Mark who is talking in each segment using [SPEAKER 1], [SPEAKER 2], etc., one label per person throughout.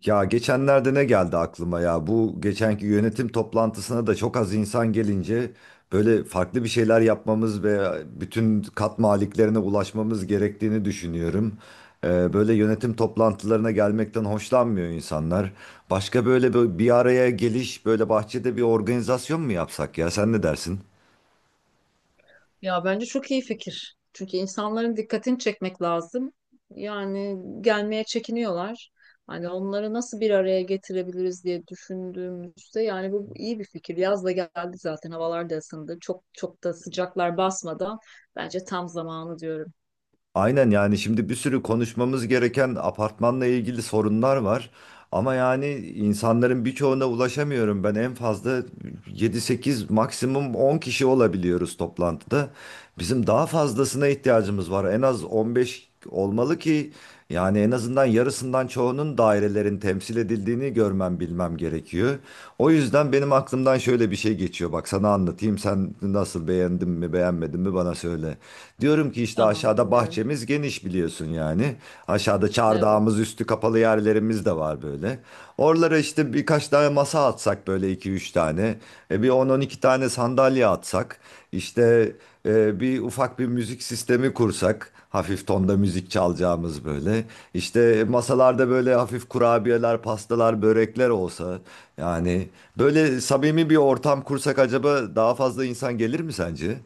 [SPEAKER 1] Ya geçenlerde ne geldi aklıma ya? Bu geçenki yönetim toplantısına da çok az insan gelince böyle farklı bir şeyler yapmamız ve bütün kat maliklerine ulaşmamız gerektiğini düşünüyorum. Böyle yönetim toplantılarına gelmekten hoşlanmıyor insanlar. Başka böyle bir araya geliş, böyle bahçede bir organizasyon mu yapsak ya? Sen ne dersin?
[SPEAKER 2] Ya bence çok iyi fikir. Çünkü insanların dikkatini çekmek lazım. Yani gelmeye çekiniyorlar. Hani onları nasıl bir araya getirebiliriz diye düşündüğümüzde yani bu iyi bir fikir. Yaz da geldi zaten havalar da ısındı. Çok çok da sıcaklar basmadan bence tam zamanı diyorum.
[SPEAKER 1] Aynen, yani şimdi bir sürü konuşmamız gereken apartmanla ilgili sorunlar var. Ama yani insanların birçoğuna ulaşamıyorum. Ben en fazla yedi sekiz, maksimum 10 kişi olabiliyoruz toplantıda. Bizim daha fazlasına ihtiyacımız var. En az 15 olmalı ki yani en azından yarısından çoğunun, dairelerin temsil edildiğini görmem, bilmem gerekiyor. O yüzden benim aklımdan şöyle bir şey geçiyor. Bak sana anlatayım. Sen nasıl, beğendin mi beğenmedin mi bana söyle. Diyorum ki işte,
[SPEAKER 2] Tamam,
[SPEAKER 1] aşağıda
[SPEAKER 2] dinliyorum.
[SPEAKER 1] bahçemiz geniş biliyorsun yani. Aşağıda
[SPEAKER 2] Evet.
[SPEAKER 1] çardağımız, üstü kapalı yerlerimiz de var böyle. Oralara işte birkaç tane masa atsak, böyle iki üç tane. Bir on on iki tane sandalye atsak. İşte bir ufak bir müzik sistemi kursak, hafif tonda müzik çalacağımız böyle. İşte masalarda böyle hafif kurabiyeler, pastalar, börekler olsa. Yani böyle samimi bir ortam kursak acaba daha fazla insan gelir mi sence?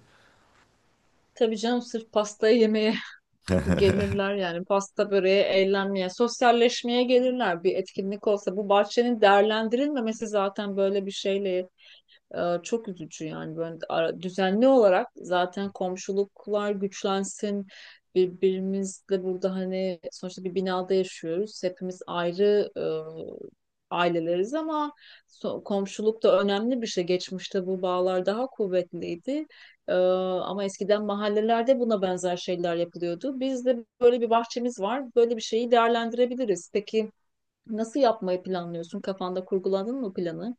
[SPEAKER 2] Tabii canım, sırf pastayı yemeye gelirler, yani pasta böreğe, eğlenmeye, sosyalleşmeye gelirler. Bir etkinlik olsa, bu bahçenin değerlendirilmemesi zaten böyle bir şeyle çok üzücü. Yani böyle düzenli olarak zaten komşuluklar güçlensin, birbirimizle burada. Hani sonuçta bir binada yaşıyoruz hepimiz, ayrı aileleriz, ama komşuluk da önemli bir şey. Geçmişte bu bağlar daha kuvvetliydi. Ee, ama eskiden mahallelerde buna benzer şeyler yapılıyordu. Bizde böyle bir bahçemiz var, böyle bir şeyi değerlendirebiliriz. Peki nasıl yapmayı planlıyorsun, kafanda kurguladın mı planı?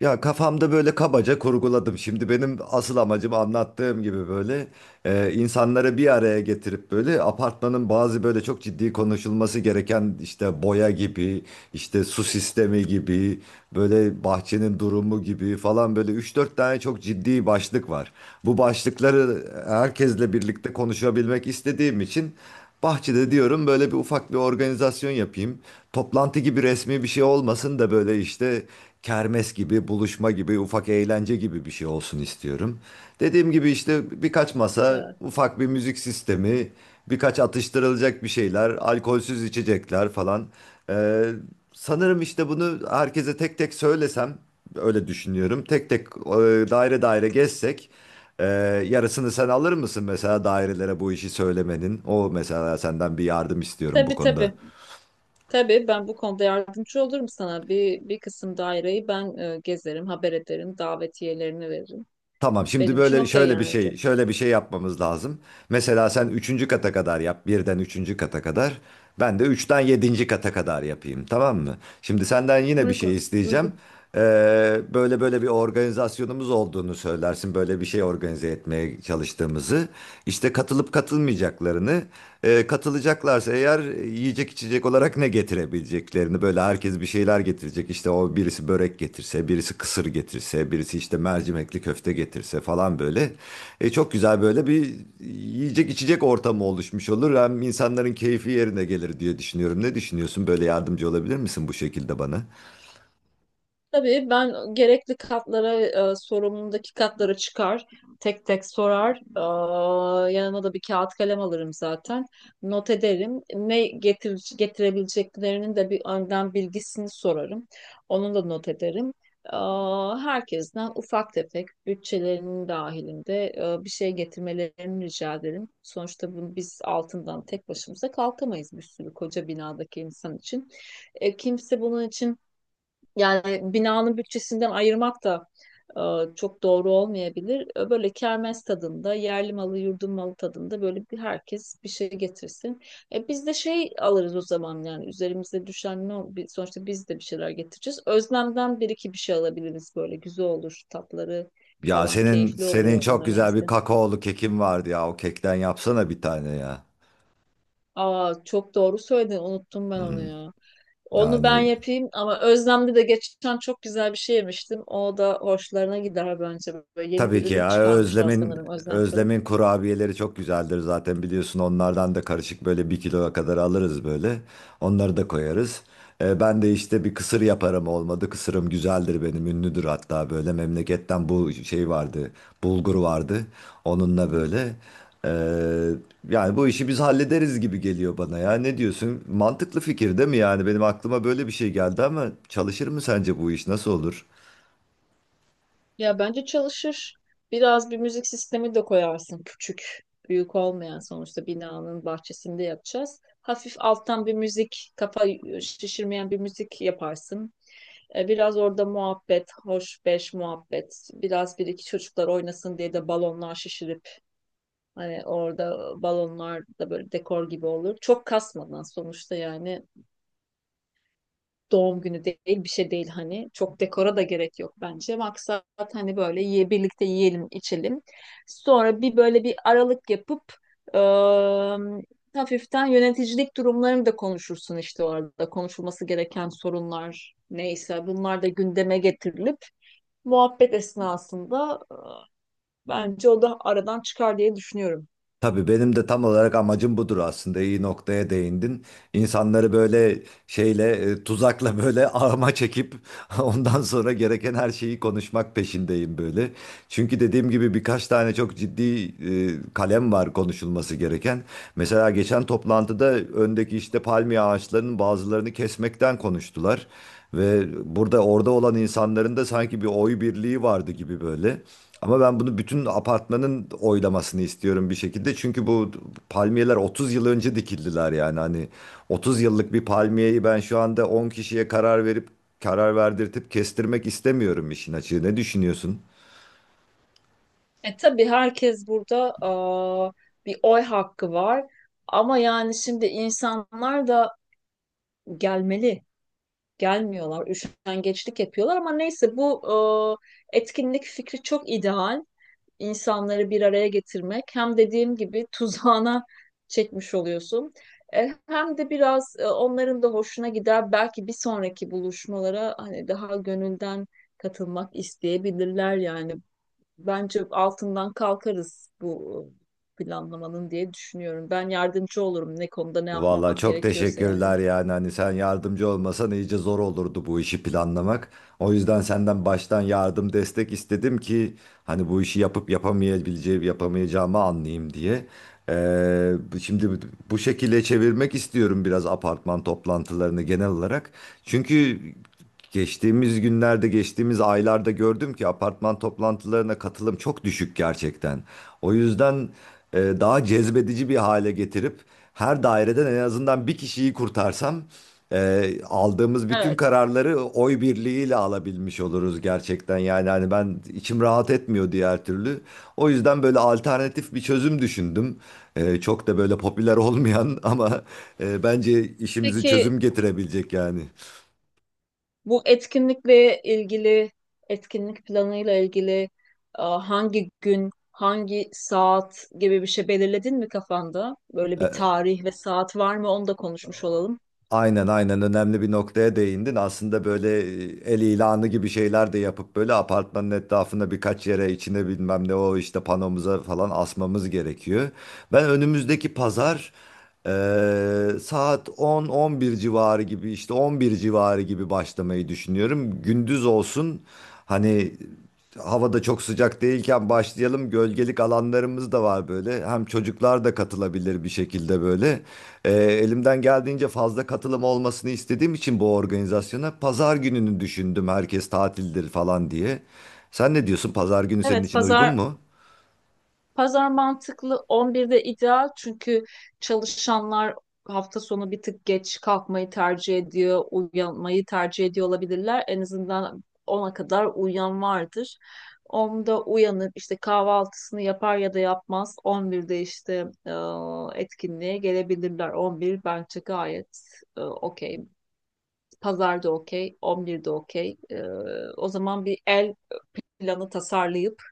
[SPEAKER 1] Ya kafamda böyle kabaca kurguladım. Şimdi benim asıl amacım anlattığım gibi böyle insanları bir araya getirip böyle apartmanın bazı böyle çok ciddi konuşulması gereken, işte boya gibi, işte su sistemi gibi, böyle bahçenin durumu gibi falan, böyle üç dört tane çok ciddi başlık var. Bu başlıkları herkesle birlikte konuşabilmek istediğim için bahçede diyorum böyle bir ufak bir organizasyon yapayım. Toplantı gibi resmi bir şey olmasın da, böyle işte kermes gibi, buluşma gibi, ufak eğlence gibi bir şey olsun istiyorum. Dediğim gibi işte birkaç masa,
[SPEAKER 2] Evet,
[SPEAKER 1] ufak bir müzik sistemi, birkaç atıştırılacak bir şeyler, alkolsüz içecekler falan. Ee, sanırım işte bunu herkese tek tek söylesem, öyle düşünüyorum. Tek tek, daire daire gezsek. Ee, yarısını sen alır mısın mesela, dairelere bu işi söylemenin? O mesela, senden bir yardım istiyorum bu
[SPEAKER 2] tabii
[SPEAKER 1] konuda.
[SPEAKER 2] tabii. Tabii, ben bu konuda yardımcı olurum sana. Bir, bir kısım daireyi ben gezerim, haber ederim, davetiyelerini veririm.
[SPEAKER 1] Tamam, şimdi
[SPEAKER 2] Benim için
[SPEAKER 1] böyle
[SPEAKER 2] okey
[SPEAKER 1] şöyle bir
[SPEAKER 2] yani, hocam.
[SPEAKER 1] şey şöyle bir şey yapmamız lazım. Mesela sen üçüncü kata kadar yap, birden üçüncü kata kadar. Ben de üçten yedinci kata kadar yapayım, tamam mı? Şimdi senden yine bir şey
[SPEAKER 2] Uygun,
[SPEAKER 1] isteyeceğim.
[SPEAKER 2] uygun.
[SPEAKER 1] Böyle bir organizasyonumuz olduğunu söylersin. Böyle bir şey organize etmeye çalıştığımızı. İşte katılıp katılmayacaklarını. Katılacaklarsa eğer yiyecek içecek olarak ne getirebileceklerini, böyle herkes bir şeyler getirecek. İşte o, birisi börek getirse, birisi kısır getirse, birisi işte mercimekli köfte getirse falan böyle. Çok güzel böyle bir yiyecek içecek ortamı oluşmuş olur. Hem insanların keyfi yerine gelir diye düşünüyorum. Ne düşünüyorsun? Böyle yardımcı olabilir misin bu şekilde bana?
[SPEAKER 2] Tabii, ben gerekli katlara, sorumluluğundaki katlara çıkar, tek tek sorar. Aa, yanıma da bir kağıt kalem alırım zaten. Not ederim. Getirebileceklerinin de bir önden bilgisini sorarım. Onu da not ederim. Aa, herkesten ufak tefek bütçelerinin dahilinde bir şey getirmelerini rica ederim. Sonuçta bunu biz altından tek başımıza kalkamayız, bir sürü koca binadaki insan için. E, kimse bunun için, yani binanın bütçesinden ayırmak da çok doğru olmayabilir. E, böyle kermes tadında, yerli malı, yurdun malı tadında, böyle bir herkes bir şey getirsin. E, biz de şey alırız o zaman. Yani üzerimize düşen sonuçta biz de bir şeyler getireceğiz. Özlemden bir iki bir şey alabiliriz, böyle güzel olur tatları
[SPEAKER 1] Ya,
[SPEAKER 2] falan,
[SPEAKER 1] senin
[SPEAKER 2] keyifli
[SPEAKER 1] senin
[SPEAKER 2] oluyor
[SPEAKER 1] çok
[SPEAKER 2] onların
[SPEAKER 1] güzel bir
[SPEAKER 2] yemesi.
[SPEAKER 1] kakaolu kekin vardı ya. O kekten yapsana bir tane ya.
[SPEAKER 2] Aa, çok doğru söyledin, unuttum ben onu
[SPEAKER 1] Hmm.
[SPEAKER 2] ya. Onu ben
[SPEAKER 1] Yani,
[SPEAKER 2] yapayım, ama Özlem'de de geçen çok güzel bir şey yemiştim. O da hoşlarına gider bence. Böyle yeni
[SPEAKER 1] tabii
[SPEAKER 2] bir
[SPEAKER 1] ki
[SPEAKER 2] ürün
[SPEAKER 1] ya,
[SPEAKER 2] çıkarmışlar
[SPEAKER 1] Özlem'in
[SPEAKER 2] sanırım, Özlem Fırın.
[SPEAKER 1] Özlem'in kurabiyeleri çok güzeldir, zaten biliyorsun, onlardan da karışık böyle bir kiloya kadar alırız, böyle onları da koyarız. Ben de işte bir kısır yaparım, olmadı kısırım güzeldir benim, ünlüdür hatta, böyle memleketten bu şey vardı, bulgur vardı, onunla böyle. Ee, yani bu işi biz hallederiz gibi geliyor bana ya, ne diyorsun, mantıklı fikir değil mi, yani benim aklıma böyle bir şey geldi, ama çalışır mı sence bu iş, nasıl olur?
[SPEAKER 2] Ya bence çalışır. Biraz bir müzik sistemi de koyarsın, küçük, büyük olmayan. Sonuçta binanın bahçesinde yapacağız. Hafif alttan bir müzik, kafa şişirmeyen bir müzik yaparsın. E, biraz orada muhabbet, hoş beş muhabbet. Biraz bir iki çocuklar oynasın diye de balonlar şişirip, hani orada balonlar da böyle dekor gibi olur. Çok kasmadan, sonuçta yani doğum günü değil, bir şey değil hani. Çok dekora da gerek yok bence. Maksat hani böyle ye, birlikte yiyelim, içelim. Sonra bir böyle bir aralık yapıp ıı, hafiften yöneticilik durumlarını da konuşursun işte orada. Konuşulması gereken sorunlar neyse bunlar da gündeme getirilip muhabbet esnasında, bence o da aradan çıkar diye düşünüyorum.
[SPEAKER 1] Tabii, benim de tam olarak amacım budur aslında. İyi noktaya değindin. İnsanları böyle şeyle, tuzakla böyle ağıma çekip ondan sonra gereken her şeyi konuşmak peşindeyim böyle. Çünkü dediğim gibi birkaç tane çok ciddi kalem var konuşulması gereken. Mesela geçen toplantıda öndeki işte palmiye ağaçlarının bazılarını kesmekten konuştular. Ve burada, orada olan insanların da sanki bir oy birliği vardı gibi böyle. Ama ben bunu bütün apartmanın oylamasını istiyorum bir şekilde. Çünkü bu palmiyeler 30 yıl önce dikildiler yani. Hani 30 yıllık bir palmiyeyi ben şu anda 10 kişiye karar verip, karar verdirtip kestirmek istemiyorum işin açığı. Ne düşünüyorsun?
[SPEAKER 2] E tabii, herkes burada ıı, bir oy hakkı var. Ama yani şimdi insanlar da gelmeli. Gelmiyorlar. Üşengeçlik yapıyorlar, ama neyse, bu etkinlik fikri çok ideal. İnsanları bir araya getirmek. Hem dediğim gibi tuzağına çekmiş oluyorsun. E, hem de biraz onların da hoşuna gider. Belki bir sonraki buluşmalara hani daha gönülden katılmak isteyebilirler yani. Bence altından kalkarız bu planlamanın diye düşünüyorum. Ben yardımcı olurum, ne konuda ne
[SPEAKER 1] Valla
[SPEAKER 2] yapmak
[SPEAKER 1] çok
[SPEAKER 2] gerekiyorsa yani.
[SPEAKER 1] teşekkürler yani, hani sen yardımcı olmasan iyice zor olurdu bu işi planlamak. O yüzden senden baştan yardım, destek istedim ki hani bu işi yapıp yapamayabileceğim, yapamayacağımı anlayayım diye. Şimdi bu şekilde çevirmek istiyorum biraz apartman toplantılarını genel olarak. Çünkü geçtiğimiz günlerde, geçtiğimiz aylarda gördüm ki apartman toplantılarına katılım çok düşük gerçekten. O yüzden daha cezbedici bir hale getirip her daireden en azından bir kişiyi kurtarsam, aldığımız bütün
[SPEAKER 2] Evet.
[SPEAKER 1] kararları oy birliğiyle alabilmiş oluruz gerçekten. Yani hani ben, içim rahat etmiyor diğer türlü. O yüzden böyle alternatif bir çözüm düşündüm. Çok da böyle popüler olmayan ama bence işimizi
[SPEAKER 2] Peki,
[SPEAKER 1] çözüm getirebilecek yani.
[SPEAKER 2] bu etkinlikle ilgili, etkinlik planıyla ilgili hangi gün, hangi saat gibi bir şey belirledin mi kafanda? Böyle bir
[SPEAKER 1] E,
[SPEAKER 2] tarih ve saat var mı? Onu da konuşmuş olalım.
[SPEAKER 1] Aynen aynen, önemli bir noktaya değindin. Aslında böyle, el ilanı gibi şeyler de yapıp böyle apartmanın etrafına, birkaç yere, içine, bilmem ne, o işte panomuza falan asmamız gerekiyor. Ben önümüzdeki pazar, saat 10-11 civarı gibi, işte 11 civarı gibi başlamayı düşünüyorum. Gündüz olsun hani, havada çok sıcak değilken başlayalım. Gölgelik alanlarımız da var böyle. Hem çocuklar da katılabilir bir şekilde böyle. Elimden geldiğince fazla katılım olmasını istediğim için bu organizasyona pazar gününü düşündüm. Herkes tatildir falan diye. Sen ne diyorsun? Pazar günü senin
[SPEAKER 2] Evet,
[SPEAKER 1] için uygun
[SPEAKER 2] pazar.
[SPEAKER 1] mu?
[SPEAKER 2] Pazar mantıklı, 11'de ideal. Çünkü çalışanlar hafta sonu bir tık geç kalkmayı tercih ediyor, uyanmayı tercih ediyor olabilirler. En azından ona kadar uyuyan vardır. 10'da uyanıp işte kahvaltısını yapar ya da yapmaz. 11'de işte e, etkinliğe gelebilirler. 11 bence gayet okey. Pazarda okey, 11'de okey. E, o zaman bir el planı tasarlayıp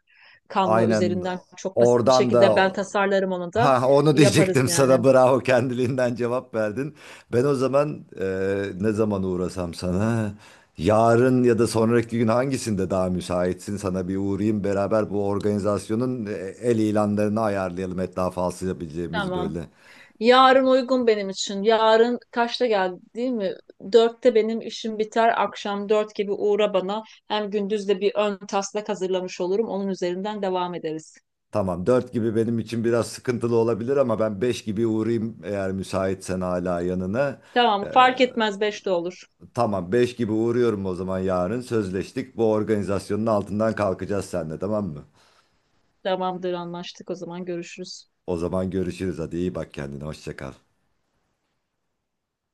[SPEAKER 2] Canva
[SPEAKER 1] Aynen,
[SPEAKER 2] üzerinden çok basit bir
[SPEAKER 1] oradan
[SPEAKER 2] şekilde
[SPEAKER 1] da.
[SPEAKER 2] ben tasarlarım, onu da
[SPEAKER 1] Ha, onu
[SPEAKER 2] yaparız
[SPEAKER 1] diyecektim
[SPEAKER 2] yani.
[SPEAKER 1] sana, bravo, kendiliğinden cevap verdin. Ben o zaman, ne zaman uğrasam sana, yarın ya da sonraki gün hangisinde daha müsaitsin, sana bir uğrayayım beraber bu organizasyonun, el ilanlarını ayarlayalım etrafa alsayabileceğimiz
[SPEAKER 2] Tamam.
[SPEAKER 1] böyle.
[SPEAKER 2] Yarın uygun benim için. Yarın kaçta geldi değil mi? Dörtte benim işim biter. Akşam dört gibi uğra bana. Hem gündüz de bir ön taslak hazırlamış olurum. Onun üzerinden devam ederiz.
[SPEAKER 1] Tamam, dört gibi benim için biraz sıkıntılı olabilir, ama ben 5 gibi uğrayayım eğer müsaitsen hala yanına.
[SPEAKER 2] Tamam,
[SPEAKER 1] E,
[SPEAKER 2] fark etmez, beşte olur.
[SPEAKER 1] tamam 5 gibi uğruyorum o zaman, yarın sözleştik, bu organizasyonun altından kalkacağız seninle, tamam mı?
[SPEAKER 2] Tamamdır, anlaştık o zaman, görüşürüz.
[SPEAKER 1] O zaman görüşürüz. Hadi iyi bak kendine. Hoşça kal.